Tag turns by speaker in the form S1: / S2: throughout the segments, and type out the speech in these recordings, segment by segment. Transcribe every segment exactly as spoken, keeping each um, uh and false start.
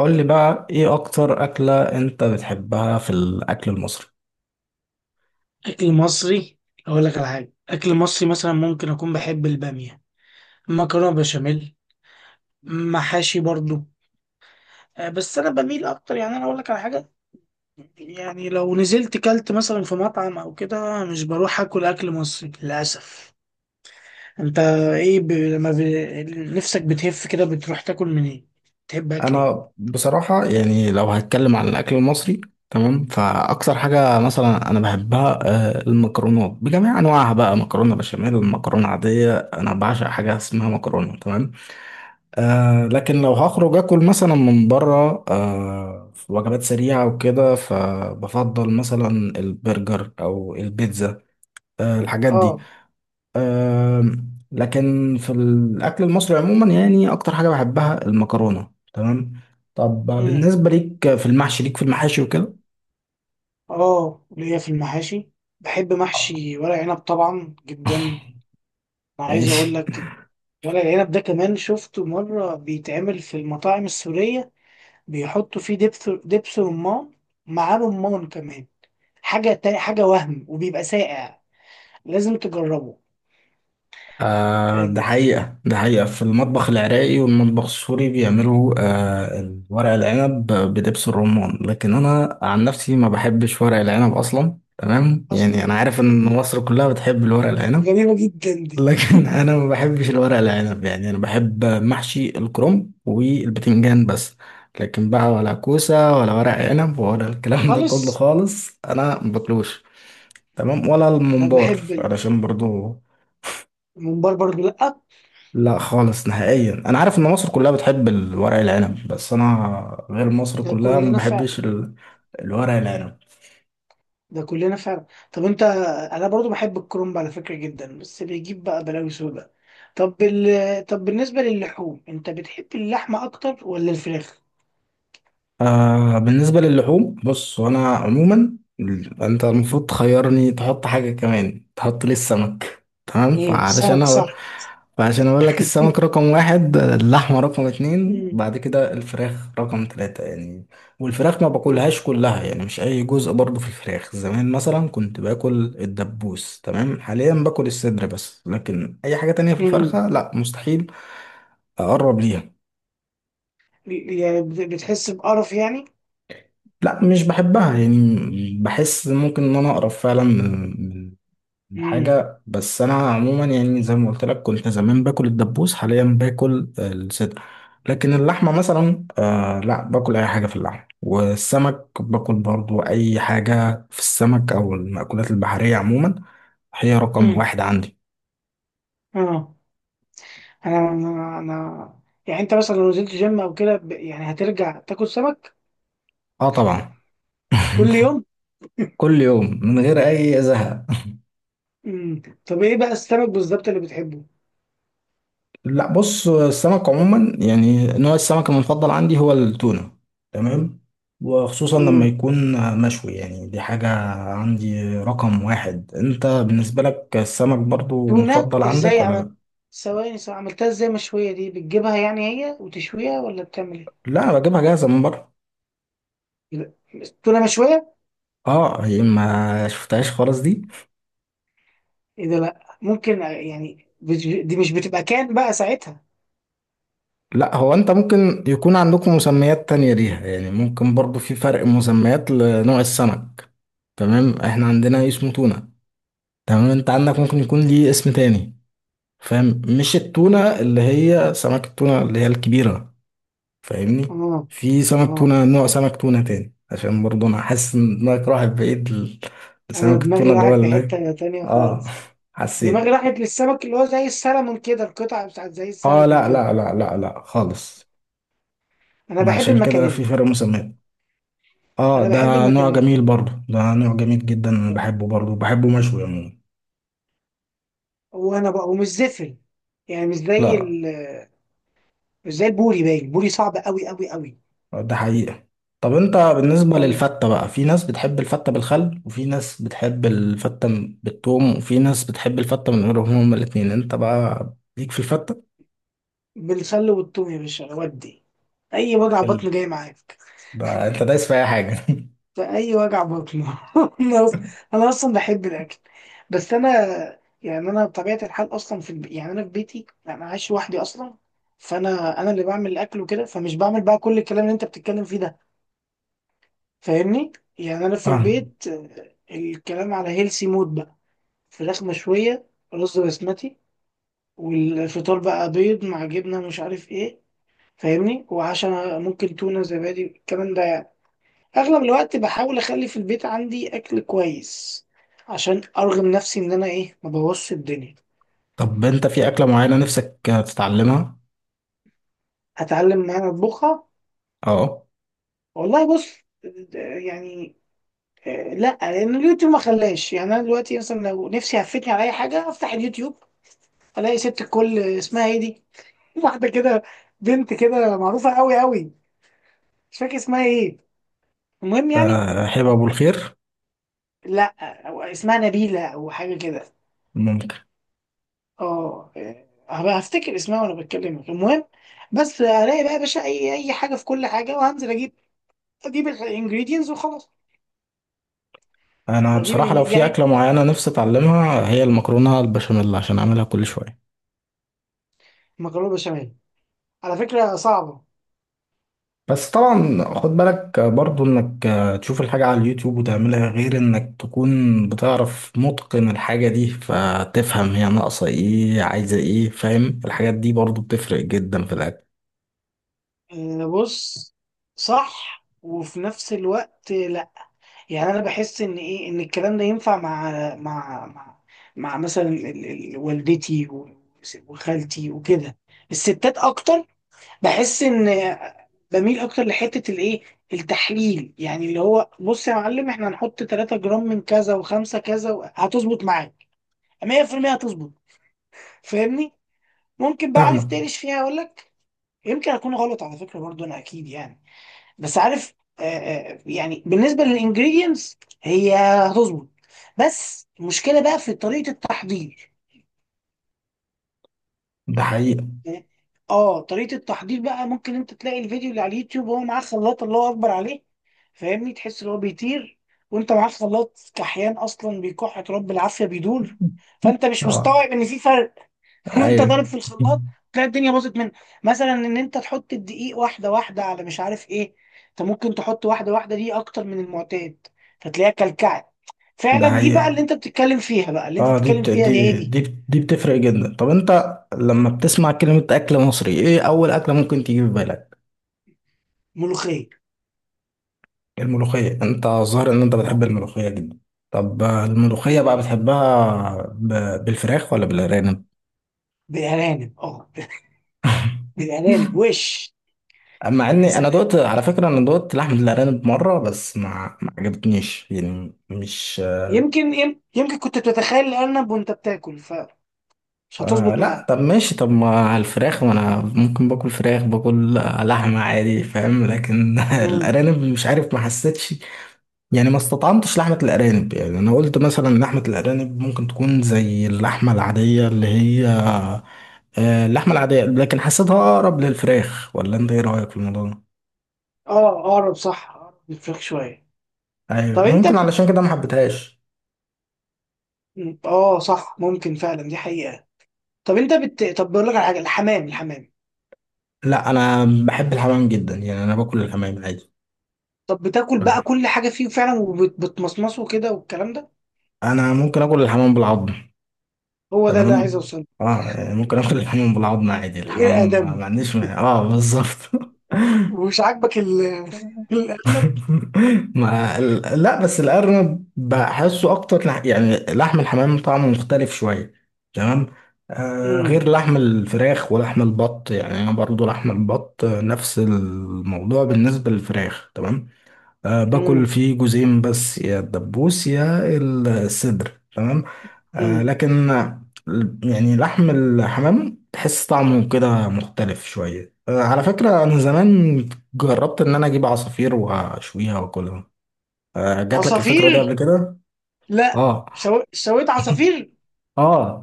S1: قول لي بقى ايه اكتر اكلة انت بتحبها في الاكل المصري؟
S2: اكل مصري؟ اقول لك على حاجه. اكل مصري مثلا ممكن اكون بحب الباميه، مكرونه بشاميل، محاشي برضو. آه، بس انا بميل اكتر. يعني انا اقول لك على حاجه، يعني لو نزلت كلت مثلا في مطعم او كده مش بروح اكل اكل مصري للاسف. انت ايه ب... لما ب... نفسك بتهف كده بتروح تاكل من ايه؟ تحب اكل ايه؟
S1: انا بصراحة يعني لو هتكلم عن الاكل المصري، تمام، فاكتر حاجة مثلا انا بحبها، آه، المكرونات بجميع انواعها، بقى مكرونة بشاميل، مكرونة عادية. انا بعشق حاجة اسمها مكرونة. تمام. آه لكن لو هخرج اكل مثلا من بره، آه في وجبات سريعة وكده، فبفضل مثلا البرجر او البيتزا. آه الحاجات دي.
S2: اه.
S1: آم، لكن في الأكل المصري عموما، يعني أكتر حاجة بحبها المكرونة. تمام. طب
S2: امم.
S1: بالنسبة ليك في المحشي ليك في المحاشي وكده؟
S2: اه ليا في المحاشي، بحب محشي ورق عنب طبعا جدا. انا عايز اقول
S1: ماشي.
S2: لك، ورق العنب ده كمان شفته مرة بيتعمل في المطاعم السورية، بيحطوا فيه دبس دبس رمان، مع رمان كمان. حاجة تا- حاجة وهم، وبيبقى ساقع، لازم تجربه.
S1: آه
S2: آه،
S1: ده حقيقة، ده حقيقة، في المطبخ العراقي والمطبخ السوري بيعملوا آه ورق العنب بدبس الرمان. لكن أنا عن نفسي ما بحبش ورق العنب أصلا. تمام،
S2: أصلا
S1: يعني أنا عارف إن مصر كلها بتحب الورق العنب.
S2: غريبة جدا دي.
S1: لكن انا ما بحبش الورق العنب. يعني انا بحب محشي الكرنب والبتنجان بس. لكن بقى ولا كوسه ولا ورق عنب ولا الكلام ده كله
S2: خالص.
S1: خالص، انا ما باكلوش. تمام، ولا
S2: أنا
S1: الممبار
S2: بحب
S1: علشان برضو.
S2: الممبار برضو، لأ.
S1: لا خالص نهائيا. انا عارف ان مصر كلها بتحب الورق العنب، بس انا غير مصر
S2: ده
S1: كلها. ما
S2: كلنا
S1: بحبش
S2: فعلا،
S1: ال- الورق العنب.
S2: ده كلنا فعلا. طب أنت، أنا برضو بحب الكرنب على فكرة جدا، بس بيجيب بقى بلاوي سودا. طب ال... طب بالنسبة للحوم، أنت بتحب اللحمة أكتر ولا الفراخ؟
S1: آه بالنسبة للحوم، بص، وأنا عموما ال- أنت المفروض تخيرني، تحط حاجة كمان، تحط لي السمك. تمام،
S2: ايه،
S1: فعلشان
S2: سمك
S1: أقول
S2: صح.
S1: فعشان أقول لك، السمك رقم واحد، اللحمة رقم اتنين،
S2: امم.
S1: بعد كده الفراخ رقم تلاتة يعني. والفراخ ما باكلهاش كلها، يعني مش أي جزء برضو في الفراخ. زمان مثلا كنت باكل الدبوس، تمام، حاليا باكل الصدر بس، لكن أي حاجة تانية في
S2: امم.
S1: الفرخة لا، مستحيل أقرب ليها.
S2: يعني بت- بتحس بقرف يعني؟
S1: لا، مش بحبها يعني. بحس ممكن ان انا اقرب فعلا من من
S2: امم.
S1: حاجه، بس انا عموما يعني زي ما قلت لك، كنت زمان باكل الدبوس، حاليا باكل الصدر. لكن اللحمه مثلا، آه لا، باكل اي حاجه في اللحمه. والسمك باكل برضو اي حاجه في السمك او المأكولات البحريه عموما. هي رقم
S2: امم.
S1: واحد عندي.
S2: اه. انا انا أنا- يعني انت مثلا لو نزلت جيم او كده، ب- يعني هترجع تاكل سمك
S1: اه طبعا.
S2: كل يوم؟
S1: كل يوم من غير اي زهق.
S2: امم. طب ايه بقى السمك بالظبط اللي بتحبه؟
S1: لا بص، السمك عموما، يعني نوع السمك المفضل عندي هو التونة. تمام. وخصوصا لما
S2: امم.
S1: يكون مشوي. يعني دي حاجة عندي رقم واحد. انت بالنسبة لك السمك برضو
S2: تونة،
S1: مفضل عندك
S2: ازاي
S1: ولا
S2: عمل؟
S1: لا؟
S2: ثواني ثواني، عملتها ازاي مشوية دي؟ بتجيبها يعني هي وتشويها ولا بتعمل ايه؟
S1: لا، بجيبها جاهزة من بره.
S2: لا، تونة مشوية؟
S1: اه، هي ما شفتهاش خالص دي.
S2: ايه ده، لا ممكن يعني. بت- دي مش بتبقى كان بقى ساعتها.
S1: لا، هو انت ممكن يكون عندكم مسميات تانية ليها. يعني ممكن برضو في فرق مسميات لنوع السمك. تمام، احنا عندنا اسمه تونة. تمام، انت عندك ممكن يكون ليه اسم تاني. فاهم؟ مش التونة اللي هي سمك التونة اللي هي الكبيرة. فاهمني؟
S2: اه.
S1: في سمك
S2: اه،
S1: تونة، نوع سمك تونة تاني، عشان برضه انا حاسس ان دماغك راحت بعيد ل-
S2: انا
S1: لسمك
S2: دماغي
S1: التونة اللي هو
S2: راحت في
S1: اللي...
S2: حتة تانية
S1: اه
S2: خالص. دماغي
S1: حسيت.
S2: راحت للسمك اللي هو زي السلمون كده، القطعة بتاعت زي
S1: اه
S2: السلمون
S1: لا
S2: كده.
S1: لا لا لا لا، خالص.
S2: انا
S1: ما
S2: بحب
S1: عشان كده في
S2: المكاريلي.
S1: فرق مسميات. اه،
S2: انا
S1: ده
S2: بحب
S1: نوع
S2: المكاريلي
S1: جميل برضه، ده نوع جميل جدا، انا
S2: آه.
S1: بحبه برضه، بحبه مشوي عموما.
S2: وانا بقى ومش زفر، يعني مش زي
S1: لا،
S2: ال... مش زي البوري، باين البوري صعب قوي قوي قوي
S1: ده حقيقة. طب انت
S2: م-
S1: بالنسبة
S2: م.
S1: للفتة بقى، في ناس بتحب الفتة بالخل، وفي ناس بتحب الفتة م- بالثوم، وفي ناس بتحب الفتة من غيرهم هما الاتنين. انت بقى ليك في الفتة؟
S2: بالخل والثوم يا باشا، ودي اي وجع بطن
S1: ال...
S2: جاي معاك.
S1: ده انت دايس في اي حاجة.
S2: فأي وجع بطن. أنا أص- أنا أصلا بحب الأكل، بس أنا يعني أنا بطبيعة الحال أصلا في الب... يعني أنا في بيتي أنا عايش لوحدي أصلا. فأنا أنا اللي بعمل الأكل وكده، فمش بعمل بقى كل الكلام اللي أنت بتتكلم فيه ده، فاهمني؟ يعني أنا في
S1: اه،
S2: البيت آه، الكلام على هيلسي مود بقى. فراخ مشوية، رز بسمتي، والفطار بقى بيض مع جبنة مش عارف إيه، فاهمني؟ وعشان ممكن تونة، زبادي، الكلام ده. اغلب الوقت بحاول اخلي في البيت عندي اكل كويس، عشان ارغم نفسي ان انا ايه ما بوظش الدنيا.
S1: طب انت في اكلة معينة نفسك تتعلمها؟
S2: هتعلم، ما انا اطبخها؟
S1: اه،
S2: والله بص، د- يعني آه، لا، لان اليوتيوب ما خلاش. يعني انا دلوقتي مثلا لو نفسي هفتني على اي حاجه افتح اليوتيوب، الاقي ست الكل اسمها ايه دي، واحده كده، بنت كده معروفه قوي قوي، مش فاكر اسمها ايه. المهم يعني
S1: اه، حلو، ابو
S2: آه،
S1: الخير.
S2: لا، أو اسمها نبيله او حاجه كده.
S1: ممكن.
S2: اه، آه، هبقى هفتكر اسمها وانا بتكلمك. المهم بس هلاقي بقى يا باشا اي اي حاجه في كل حاجه، وهنزل اجيب، اجيب الانجريدينتس وخلاص.
S1: انا
S2: هجيب
S1: بصراحة لو
S2: الانج...
S1: في
S2: يعني
S1: اكلة معينة نفسي اتعلمها، هي المكرونة البشاميل، عشان اعملها كل شوية.
S2: مكرونه بشاميل على فكره صعبه.
S1: بس طبعا خد بالك برضو انك تشوف الحاجة على اليوتيوب وتعملها، غير انك تكون بتعرف متقن الحاجة دي، فتفهم هي ناقصة ايه، عايزة ايه، فاهم؟ الحاجات دي برضو بتفرق جدا في الاكل.
S2: آه، بص، صح وفي نفس الوقت لا. يعني انا بحس ان ايه، ان الكلام ده ينفع مع، مع مع, مع مثلا ال- ال- والدتي و- وخالتي وكده، الستات اكتر. بحس ان، بميل اكتر لحته الايه، التحليل، يعني اللي هو بص يا معلم احنا هنحط تلاتة جرام من كذا و5 كذا و- هتظبط معاك مية في المية هتظبط، فاهمني؟ ممكن بقى عارف
S1: فاهمك.
S2: تقلش فيها، اقول لك يمكن اكون غلط على فكره برضو، انا اكيد يعني، بس عارف، آه آه، يعني بالنسبه للانجريدينتس هي هتظبط، بس المشكله بقى في طريقه التحضير.
S1: ده حقيقة.
S2: اه طريقة التحضير بقى ممكن انت تلاقي الفيديو اللي على اليوتيوب وهو معاه خلاط الله اكبر عليه، فاهمني، تحس ان هو بيطير، وانت معاه خلاط كحيان اصلا بيكح تراب، بالعافية بيدور، فانت مش
S1: اه،
S2: مستوعب ان في فرق. وانت ضارب في
S1: ايوه،
S2: الخلاط تلاقي الدنيا باظت منك. مثلا ان انت تحط الدقيق واحدة واحدة على مش عارف ايه، انت ممكن تحط واحدة واحدة دي اكتر من المعتاد، فتلاقيها كلكعت.
S1: ده
S2: فعلا دي بقى
S1: حقيقة.
S2: اللي انت بتتكلم فيها، بقى اللي انت
S1: اه دي
S2: بتتكلم
S1: بت...
S2: فيها دي، هي
S1: دي
S2: دي.
S1: دي دي بتفرق جدا. طب انت لما بتسمع كلمة اكل مصري، ايه اول اكلة ممكن تيجي في بالك؟
S2: ملوخية.
S1: الملوخية. انت ظاهر ان انت
S2: اه،
S1: بتحب الملوخية جدا. طب آه،
S2: دي
S1: الملوخية بقى
S2: حقيقة.
S1: بتحبها ب... بالفراخ ولا بالارانب؟
S2: بالارانب اه، بالارانب وش.
S1: اما
S2: يا
S1: اني انا
S2: سلام،
S1: دوت على فكرة، انا دوت لحم الارانب مرة بس، ما ما عجبتنيش. يعني مش...
S2: يمكن يم- يمكن كنت بتتخيل الارنب وانت بتاكل فمش
S1: آه
S2: هتظبط
S1: لا، طب
S2: معاك.
S1: ماشي. طب ما الفراخ وانا ممكن باكل فراخ، باكل آه، لحمة عادي، فاهم. لكن
S2: امم.
S1: الارانب مش عارف، ما حسيتش. يعني ما استطعمتش لحمة الارانب. يعني انا قلت مثلا لحمة الارانب ممكن تكون زي اللحمة العادية اللي هي، آه، اللحمة العادية، لكن حسيتها أقرب للفراخ. ولا أنت إيه رأيك في الموضوع ده؟
S2: اه اقرب صح، اقرب الفراخ شويه.
S1: أيوة،
S2: طب انت
S1: ممكن
S2: بت-
S1: علشان كده ما حبيتهاش.
S2: اه صح، ممكن فعلا دي حقيقه. طب انت بت... طب بقول لك على حاجه، الحمام، الحمام
S1: لا، أنا بحب الحمام جدا. يعني أنا باكل الحمام عادي.
S2: طب بتاكل بقى كل حاجه فيه فعلا، وبتمصمصه كده والكلام ده؟
S1: أنا ممكن آكل الحمام بالعظم.
S2: هو ده اللي عايز
S1: تمام.
S2: اوصله.
S1: أه يعني ممكن آكل الحمام بالعظم عادي،
S2: غير
S1: الحمام ما ما
S2: ادمي.
S1: عنديش مانع. أه بالظبط.
S2: ومش عاجبك ال... الارنب.
S1: ما ال- لا، بس الأرنب بحسه أكتر، لح- يعني لحم الحمام طعمه مختلف شوية. تمام. آه
S2: امم.
S1: غير لحم الفراخ ولحم البط. يعني أنا برضو لحم البط آه، نفس الموضوع بالنسبة للفراخ. تمام. آه باكل
S2: امم.
S1: فيه جزئين بس، يا الدبوس يا الصدر. تمام. آه
S2: امم.
S1: لكن آه، يعني لحم الحمام تحس طعمه كده مختلف شوية. آه على فكرة، أنا زمان جربت إن أنا أجيب عصافير وأشويها وأكلها. آه جات لك الفكرة دي قبل
S2: عصافير؟
S1: كده؟
S2: لا.
S1: آه،
S2: شو... شويت عصافير؟
S1: آه.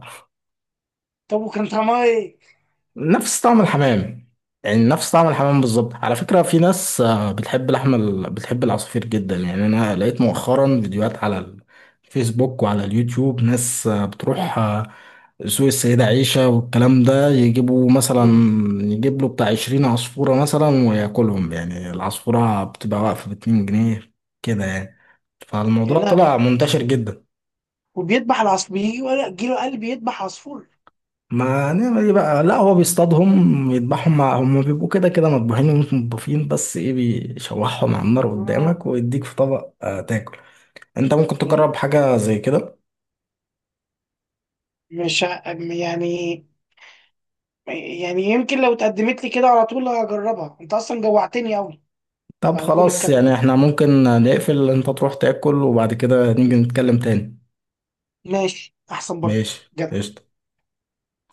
S2: طب وكان طعمها ايه؟
S1: نفس طعم الحمام. يعني نفس طعم الحمام بالظبط. على فكرة في ناس آه، بتحب لحم ال... بتحب العصافير جدا. يعني أنا لقيت مؤخرا فيديوهات على الفيسبوك وعلى اليوتيوب، ناس آه، بتروح آه، سوق السيدة عيشة والكلام ده، يجيبوا مثلا،
S2: مم.
S1: يجيب له بتاع عشرين عصفورة مثلا وياكلهم. يعني العصفورة بتبقى واقفة باتنين جنيه كده يعني.
S2: يا
S1: فالموضوع
S2: لهوي،
S1: طلع منتشر جدا.
S2: وبيذبح العصفور، بيجي ولا جيله قلب يذبح عصفور؟
S1: ما هنعمل ايه بقى. لا هو بيصطادهم يذبحهم، مع هم بيبقوا كده كده مطبوخين ومش مطبوخين. بس ايه، بيشوحهم على النار قدامك
S2: آه.
S1: ويديك في طبق آه تاكل. انت ممكن
S2: يا
S1: تجرب
S2: لهوي،
S1: حاجة زي كده.
S2: مش ع- يعني يعني يمكن لو اتقدمت لي كده على طول هجربها، انت اصلا جوعتني قوي.
S1: طب
S2: بعد كل
S1: خلاص،
S2: الكلام
S1: يعني
S2: ده
S1: احنا ممكن نقفل، انت تروح تاكل وبعد كده نيجي نتكلم تاني.
S2: ماشي احسن برضه.
S1: ماشي، قشطة.